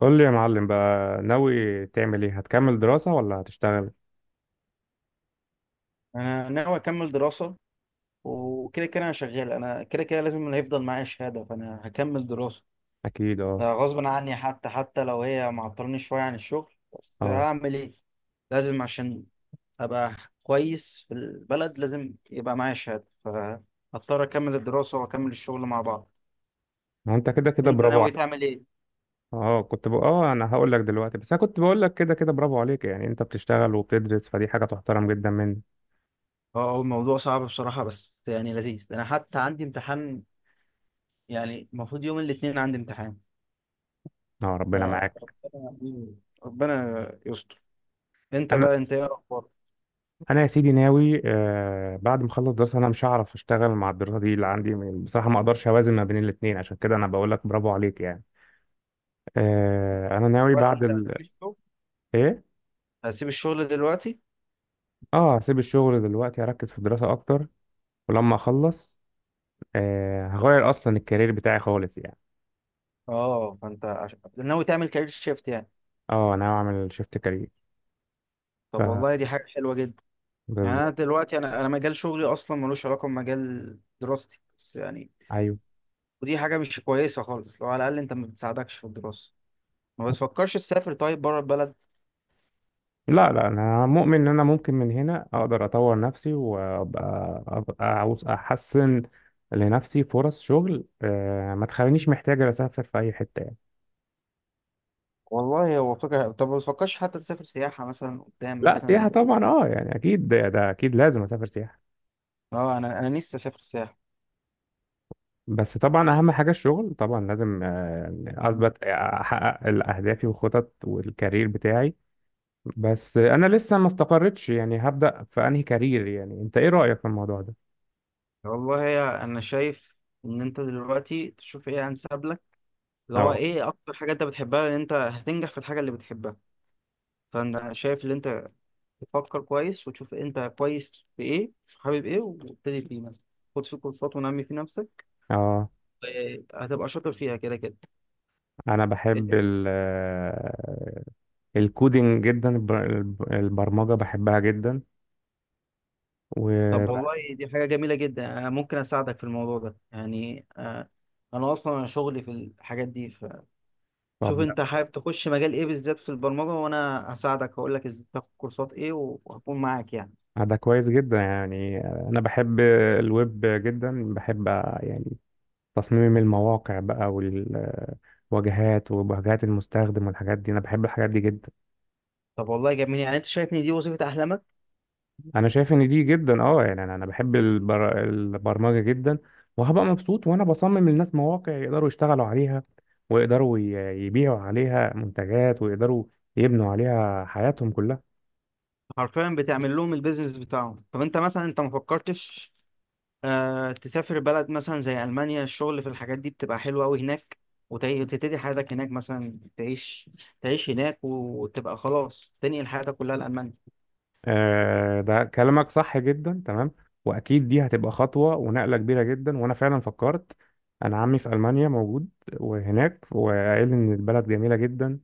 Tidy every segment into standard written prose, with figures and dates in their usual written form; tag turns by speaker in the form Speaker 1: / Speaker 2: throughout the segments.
Speaker 1: قول لي يا معلم بقى، ناوي تعمل ايه؟ هتكمل دراسة ولا هتشتغل؟
Speaker 2: انا ناوي اكمل دراسه. وكده كده انا شغال، انا كده كده لازم اللي هيفضل معايا شهاده، فانا هكمل دراسه.
Speaker 1: اكيد، اه،
Speaker 2: ده غصب عني، حتى لو هي معطلني شويه عن الشغل، بس
Speaker 1: اه.
Speaker 2: هعمل ايه؟ لازم عشان ابقى كويس في البلد، لازم يبقى معايا شهاده، فهضطر اكمل الدراسه واكمل الشغل مع بعض.
Speaker 1: ما هو انت كده كده
Speaker 2: انت
Speaker 1: برافو
Speaker 2: ناوي
Speaker 1: عليك.
Speaker 2: تعمل ايه؟
Speaker 1: اه كنت بقى، انا هقول لك دلوقتي، بس انا كنت بقول لك كده كده برافو عليك، يعني انت بتشتغل وبتدرس، فدي حاجة تحترم جدا منك.
Speaker 2: اه، هو الموضوع صعب بصراحه، بس يعني لذيذ. انا حتى عندي امتحان، يعني المفروض يوم الاثنين عندي امتحان.
Speaker 1: اه،
Speaker 2: ف
Speaker 1: ربنا معاك.
Speaker 2: ربنا ربنا يستر. انت
Speaker 1: انا
Speaker 2: بقى انت ايه اخبارك؟
Speaker 1: انا يا سيدي ناوي، بعد ما اخلص دراسة انا مش هعرف اشتغل مع الدراسة دي اللي عندي، بصراحة ما اقدرش اوازن ما بين الاتنين، عشان كده انا بقول لك برافو عليك يعني. انا ناوي
Speaker 2: دلوقتي
Speaker 1: بعد
Speaker 2: انت
Speaker 1: ال-.
Speaker 2: هتسيب الشغل؟
Speaker 1: ايه؟
Speaker 2: هتسيب الشغل دلوقتي؟
Speaker 1: اه، هسيب الشغل دلوقتي، اركز في الدراسة اكتر. ولما اخلص، هغير اصلا الكارير بتاعي خالص يعني.
Speaker 2: اه، فانت ناوي تعمل كارير شيفت يعني؟
Speaker 1: اه، انا هعمل شيفت كارير. ف
Speaker 2: طب
Speaker 1: آه.
Speaker 2: والله دي حاجه حلوه جدا. يعني انا
Speaker 1: بالظبط.
Speaker 2: دلوقتي، انا مجال شغلي اصلا ملوش علاقه بمجال دراستي، بس يعني
Speaker 1: ايوه.
Speaker 2: ودي حاجه مش كويسه خالص، لو على الاقل انت ما بتساعدكش في الدراسه. ما بتفكرش تسافر طيب بره البلد؟
Speaker 1: لا، لا، انا مؤمن ان انا ممكن من هنا اقدر اطور نفسي وابقى، أبقى عاوز احسن لنفسي فرص شغل، ما تخلينيش محتاج اسافر في اي حته يعني.
Speaker 2: والله هو فكره، طب ما بتفكرش حتى تسافر سياحه مثلا قدام
Speaker 1: لا،
Speaker 2: مثلا؟
Speaker 1: سياحه طبعا، يعني اكيد ده اكيد لازم اسافر سياحه.
Speaker 2: اه، انا نفسي اسافر سياحه.
Speaker 1: بس طبعا اهم حاجه الشغل، طبعا لازم اثبت، احقق اهدافي وخطط والكارير بتاعي. بس انا لسه ما استقرتش يعني، هبدأ في انهي كارير؟ يعني انت ايه رأيك في الموضوع ده؟
Speaker 2: والله يا، انا شايف ان انت دلوقتي تشوف ايه انسب لك، اللي هو
Speaker 1: اه
Speaker 2: ايه اكتر حاجه انت بتحبها، لان انت هتنجح في الحاجه اللي بتحبها. فانا شايف ان انت تفكر كويس وتشوف انت كويس في ايه، حابب ايه وابتدي فيه مثلا، خد فيه كورسات ونمي في نفسك.
Speaker 1: اه.
Speaker 2: إيه، هتبقى شاطر فيها كده كده.
Speaker 1: انا
Speaker 2: إت-
Speaker 1: بحب الكودينج جدا، البرمجة بحبها جدا.
Speaker 2: طب
Speaker 1: و
Speaker 2: والله دي حاجه جميله جدا، انا ممكن اساعدك في الموضوع ده يعني. آه، انا اصلا شغلي في الحاجات دي، فشوف
Speaker 1: طب، لا.
Speaker 2: انت حابب تخش مجال ايه بالذات في البرمجه، وانا هساعدك هقول لك ازاي تاخد كورسات ايه وهكون معاك يعني.
Speaker 1: ده كويس جدا يعني، انا بحب الويب جدا، بحب يعني، تصميم المواقع بقى، والواجهات وواجهات المستخدم والحاجات دي، انا بحب الحاجات دي جدا.
Speaker 2: طب والله جميل، يعني انت شايفني دي وظيفه احلامك.
Speaker 1: انا شايف ان دي جدا، يعني انا بحب البرمجه جدا، وهبقى مبسوط وانا بصمم للناس مواقع يقدروا يشتغلوا عليها، ويقدروا يبيعوا عليها منتجات، ويقدروا يبنوا عليها حياتهم كلها.
Speaker 2: حرفيا بتعمل لهم البيزنس بتاعهم. طب انت مثلا، انت ما فكرتش آه تسافر بلد مثلا زي المانيا؟ الشغل في الحاجات دي بتبقى حلوه قوي هناك. وتبتدي حياتك هناك مثلا، تعيش هناك وتبقى خلاص، تنقل حياتك كلها لالمانيا.
Speaker 1: آه، ده كلامك صح جدا، تمام. واكيد دي هتبقى خطوه ونقله كبيره جدا، وانا فعلا فكرت، انا عمي في المانيا موجود وهناك، وقال لي ان البلد جميله جدا،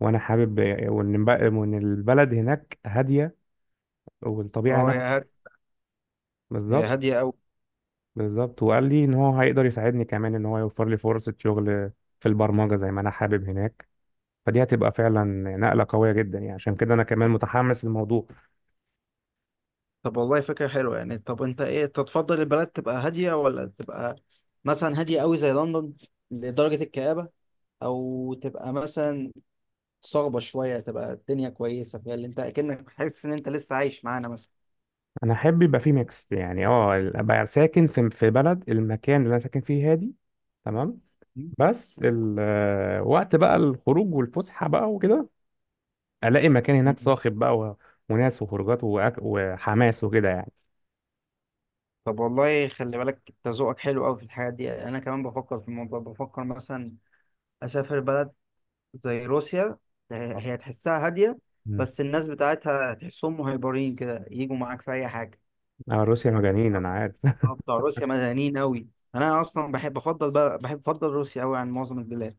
Speaker 1: وانا حابب، وان وإن البلد هناك هاديه، والطبيعه
Speaker 2: اه يا
Speaker 1: هناك.
Speaker 2: هاد، هي
Speaker 1: بالظبط،
Speaker 2: هاديه قوي.
Speaker 1: بالظبط، وقال لي ان هو هيقدر يساعدني، كمان ان هو يوفر لي فرصة شغل في البرمجة زي ما انا حابب هناك، فدي هتبقى فعلا نقلة قوية جدا، يعني عشان كده انا كمان متحمس للموضوع.
Speaker 2: طب والله فكره حلوه يعني طب انت ايه تتفضل البلد تبقى هاديه ولا تبقى مثلا هاديه قوي زي لندن لدرجه الكآبه او تبقى مثلا صعبة شوية تبقى الدنيا كويسة فيها اللي انت اكنك حاسس ان انت لسه عايش معانا مثلا
Speaker 1: انا احب يبقى فيه ميكس يعني، ابقى ساكن في بلد، المكان اللي انا ساكن فيه هادي، تمام.
Speaker 2: مم.
Speaker 1: بس الوقت بقى الخروج والفسحة بقى وكده، الاقي مكان
Speaker 2: مم.
Speaker 1: هناك صاخب بقى، وناس وخروجات وحماس وكده يعني.
Speaker 2: طب والله خلي بالك، انت ذوقك حلو قوي في الحاجات دي. انا كمان بفكر في الموضوع، بفكر مثلا اسافر بلد زي روسيا. آه، هي تحسها هاديه،
Speaker 1: مم.
Speaker 2: بس الناس بتاعتها تحسهم مهيبرين كده، يجوا معاك في اي حاجه.
Speaker 1: اه، روسيا مجانين،
Speaker 2: اه.
Speaker 1: انا عارف.
Speaker 2: آه، بتوع روسيا مدنيين قوي. انا اصلا بحب افضل بقى، بحب افضل روسيا قوي عن معظم البلاد.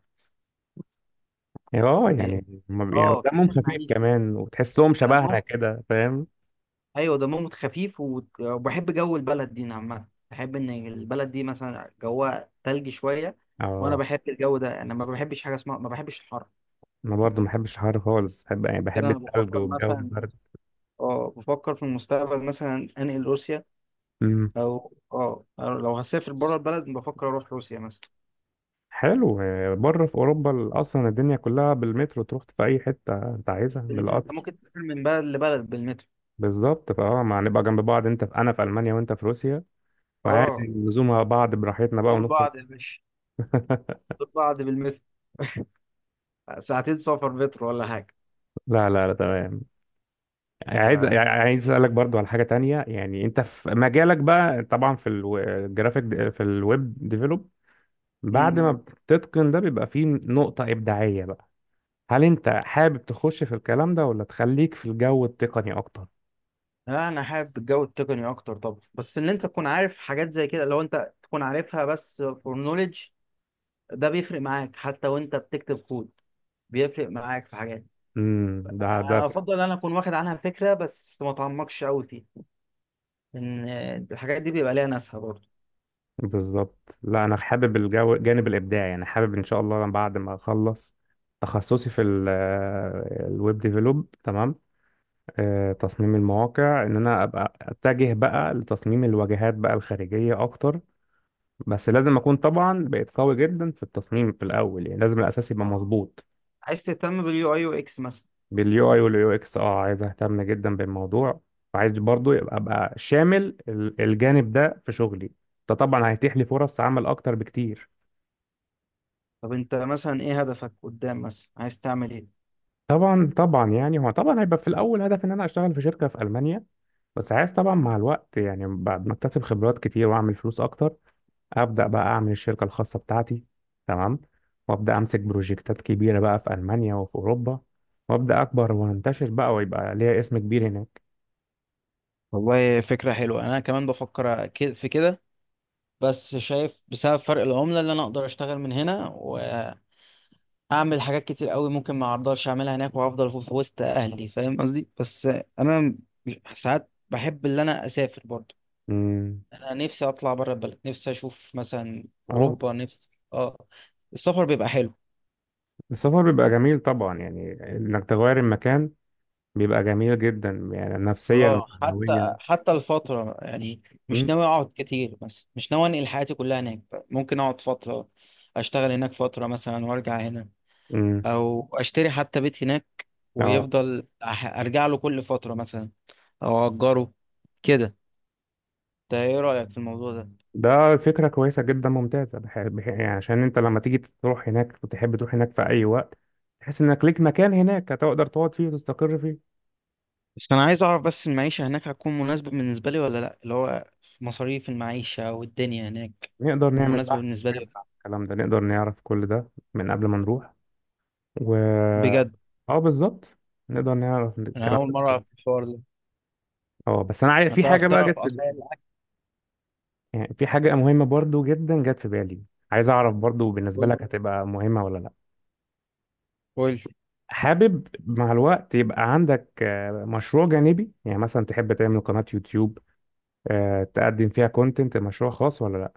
Speaker 1: اه، يعني هما يعني
Speaker 2: اه
Speaker 1: دمهم
Speaker 2: كاس
Speaker 1: خفيف
Speaker 2: المعيشه.
Speaker 1: كمان، وتحسهم شبهنا كده، فاهم؟
Speaker 2: ايوه، دمهم خفيف، وبحب جو البلد دي عامه، بحب ان البلد دي مثلا جوها تلج شويه. وانا
Speaker 1: اه،
Speaker 2: بحب الجو ده، انا ما بحبش حاجه اسمها، ما بحبش الحر.
Speaker 1: انا برضو ما بحبش الحر خالص، بحب يعني،
Speaker 2: كده
Speaker 1: بحب
Speaker 2: انا
Speaker 1: الثلج
Speaker 2: بفكر
Speaker 1: والجو
Speaker 2: مثلا،
Speaker 1: البرد.
Speaker 2: اه بفكر في المستقبل مثلا انقل روسيا.
Speaker 1: امم.
Speaker 2: او أو لو هسافر بره البلد بفكر اروح روسيا مثلا.
Speaker 1: حلو، بره في اوروبا اصلا الدنيا كلها بالمترو، تروح في اي حته انت عايزها
Speaker 2: بالمترو، انت
Speaker 1: بالقطر.
Speaker 2: ممكن تسافر من بلد لبلد بالمترو.
Speaker 1: بالظبط، فاه ما هنبقى جنب بعض، انت في انا في المانيا وانت في روسيا، وعادي
Speaker 2: اه،
Speaker 1: نزومها بعض براحتنا بقى
Speaker 2: دول
Speaker 1: ونخرج.
Speaker 2: بعض يا باشا. دول بعض بالمترو. ساعتين سفر مترو ولا حاجه.
Speaker 1: لا، لا، لا، تمام. عايز اسالك برضو على حاجه تانية، يعني انت في مجالك بقى طبعا، في الجرافيك، في الويب ديفلوب،
Speaker 2: ف
Speaker 1: بعد ما بتتقن ده، بيبقى فيه نقطة إبداعية بقى. هل أنت حابب تخش في الكلام ده ولا تخليك في الجو التقني أكتر؟
Speaker 2: لا انا حابب الجو التقني اكتر طبعا، بس ان انت تكون عارف حاجات زي كده، لو انت تكون عارفها بس فور نوليدج، ده بيفرق معاك حتى وانت بتكتب كود، بيفرق معاك في حاجات.
Speaker 1: امم، ده ده
Speaker 2: أنا افضل ان انا اكون واخد عنها فكره بس ما اتعمقش قوي فيها. ان الحاجات دي بيبقى ليها ناسها برضه.
Speaker 1: بالظبط، لا، أنا حابب الجو، الجانب الإبداعي يعني، حابب إن شاء الله أنا بعد ما أخلص تخصصي في الويب ديفلوب، تمام. تصميم المواقع، إن أنا أبقى أتجه بقى لتصميم الواجهات بقى الخارجية أكتر، بس لازم أكون طبعا بقيت قوي جدا في التصميم في الأول، يعني لازم الأساس يبقى
Speaker 2: آه.
Speaker 1: مظبوط.
Speaker 2: عايز تهتم باليو اي UX مثلا؟
Speaker 1: باليو اي واليو اكس، عايز اهتم جدا بالموضوع، وعايز برضو يبقى ابقى شامل الجانب ده في شغلي، ده طبعا هيتيح لي فرص عمل اكتر بكتير.
Speaker 2: طب انت مثلا ايه هدفك قدام مثلا، عايز تعمل ايه؟
Speaker 1: طبعا، طبعا، يعني هو طبعا هيبقى في الاول هدف، ان انا اشتغل في شركه في المانيا، بس عايز طبعا مع الوقت، يعني بعد ما اكتسب خبرات كتير واعمل فلوس اكتر، ابدا بقى اعمل الشركه الخاصه بتاعتي، تمام، وابدا امسك بروجكتات كبيره بقى في المانيا وفي اوروبا، وابدا اكبر وانتشر بقى ويبقى ليا اسم كبير هناك.
Speaker 2: والله فكرة حلوة، أنا كمان بفكر في كده. بس شايف بسبب فرق العملة اللي أنا أقدر أشتغل من هنا، اعمل حاجات كتير قوي ممكن ما اقدرش اعملها هناك، وافضل في وسط اهلي، فاهم قصدي؟ بس انا ساعات بحب ان انا اسافر برضو.
Speaker 1: امم.
Speaker 2: انا نفسي اطلع بره البلد، نفسي اشوف مثلا
Speaker 1: اه،
Speaker 2: اوروبا، نفسي اه. السفر بيبقى حلو.
Speaker 1: السفر بيبقى جميل طبعا، يعني انك تغير المكان، بيبقى جميل جدا يعني، نفسيا
Speaker 2: اه
Speaker 1: ومعنويا.
Speaker 2: حتى الفترة يعني،
Speaker 1: م-
Speaker 2: مش ناوي اقعد كتير مثلا، مش ناوي انقل حياتي كلها هناك. ممكن اقعد فترة، اشتغل هناك فترة مثلا وارجع هنا.
Speaker 1: م.
Speaker 2: او اشتري حتى بيت هناك،
Speaker 1: اه.
Speaker 2: ويفضل ارجع له كل فترة مثلا، او اجره كده. ده ايه رأيك في الموضوع ده؟
Speaker 1: ده فكرة كويسة جدا ممتازة، يعني عشان انت لما تيجي تروح هناك، تحب تروح هناك في اي وقت، تحس انك ليك مكان هناك، هتقدر تقعد فيه وتستقر فيه.
Speaker 2: بس انا عايز اعرف بس المعيشة هناك هتكون مناسبة بالنسبة لي ولا لا، اللي هو مصاريف المعيشة والدنيا هناك
Speaker 1: نقدر
Speaker 2: هتكون
Speaker 1: نعمل
Speaker 2: مناسبة
Speaker 1: بحث، مش
Speaker 2: بالنسبة
Speaker 1: نعمل
Speaker 2: لي
Speaker 1: عن الكلام ده نقدر نعرف كل ده من قبل ما نروح. و
Speaker 2: بجد؟
Speaker 1: اه، بالظبط، نقدر نعرف
Speaker 2: انا
Speaker 1: الكلام
Speaker 2: اول مرة
Speaker 1: ده.
Speaker 2: اعرف الحوار ده.
Speaker 1: اه بس انا عايز في
Speaker 2: هتعرف
Speaker 1: حاجة بقى جت
Speaker 2: تعرف
Speaker 1: في،
Speaker 2: اسعار الاكل.
Speaker 1: يعني في حاجة مهمة برضو جدا جت في بالي، عايز أعرف برضو بالنسبة
Speaker 2: قول.
Speaker 1: لك هتبقى مهمة ولا لأ.
Speaker 2: قول.
Speaker 1: حابب مع الوقت يبقى عندك مشروع جانبي، يعني مثلا تحب تعمل قناة يوتيوب، تقدم فيها كونتنت مشروع خاص ولا لأ؟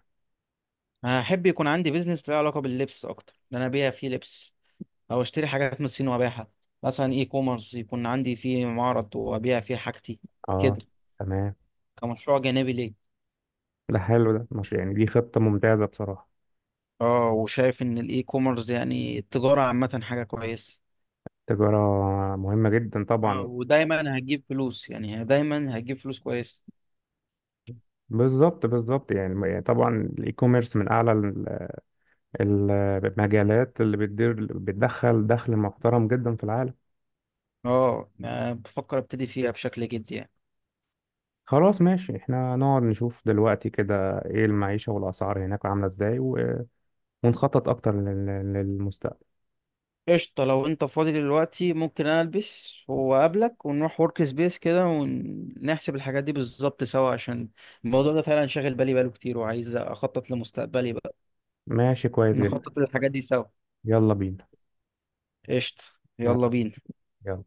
Speaker 2: هحب يكون عندي بيزنس له علاقة باللبس اكتر، ان انا ابيع فيه لبس، او اشتري حاجات من الصين وابيعها، مثلا اي كوميرس يكون عندي فيه معرض وابيع فيه حاجتي
Speaker 1: اه،
Speaker 2: كده،
Speaker 1: تمام،
Speaker 2: كمشروع جانبي ليه.
Speaker 1: ده حلو، ده مش، يعني دي خطة ممتازة بصراحة.
Speaker 2: اه، وشايف ان الاي كوميرس يعني التجارة عامة حاجة كويسة.
Speaker 1: تجارة مهمة جدا
Speaker 2: اه
Speaker 1: طبعا.
Speaker 2: ودايما هتجيب فلوس، يعني هي دايما هتجيب فلوس كويس.
Speaker 1: بالظبط، بالظبط، يعني طبعا الاي كوميرس من اعلى المجالات اللي بتدير، بتدخل دخل محترم جدا في العالم.
Speaker 2: اه، أه بفكر ابتدي فيها بشكل جدي يعني.
Speaker 1: خلاص، ماشي، احنا نقعد نشوف دلوقتي كده ايه المعيشة والأسعار هناك عاملة ازاي، ونخطط أكتر للمستقبل.
Speaker 2: قشطة، لو انت فاضي دلوقتي ممكن انا البس واقابلك ونروح ورك سبيس كده ونحسب الحاجات دي بالظبط سوا، عشان الموضوع ده فعلا شاغل بالي بقاله كتير، وعايز اخطط لمستقبلي بقى.
Speaker 1: ماشي كويس جدا.
Speaker 2: نخطط للحاجات دي سوا.
Speaker 1: يلا بينا.
Speaker 2: قشطة،
Speaker 1: يلا.
Speaker 2: يلا بينا.
Speaker 1: يلا.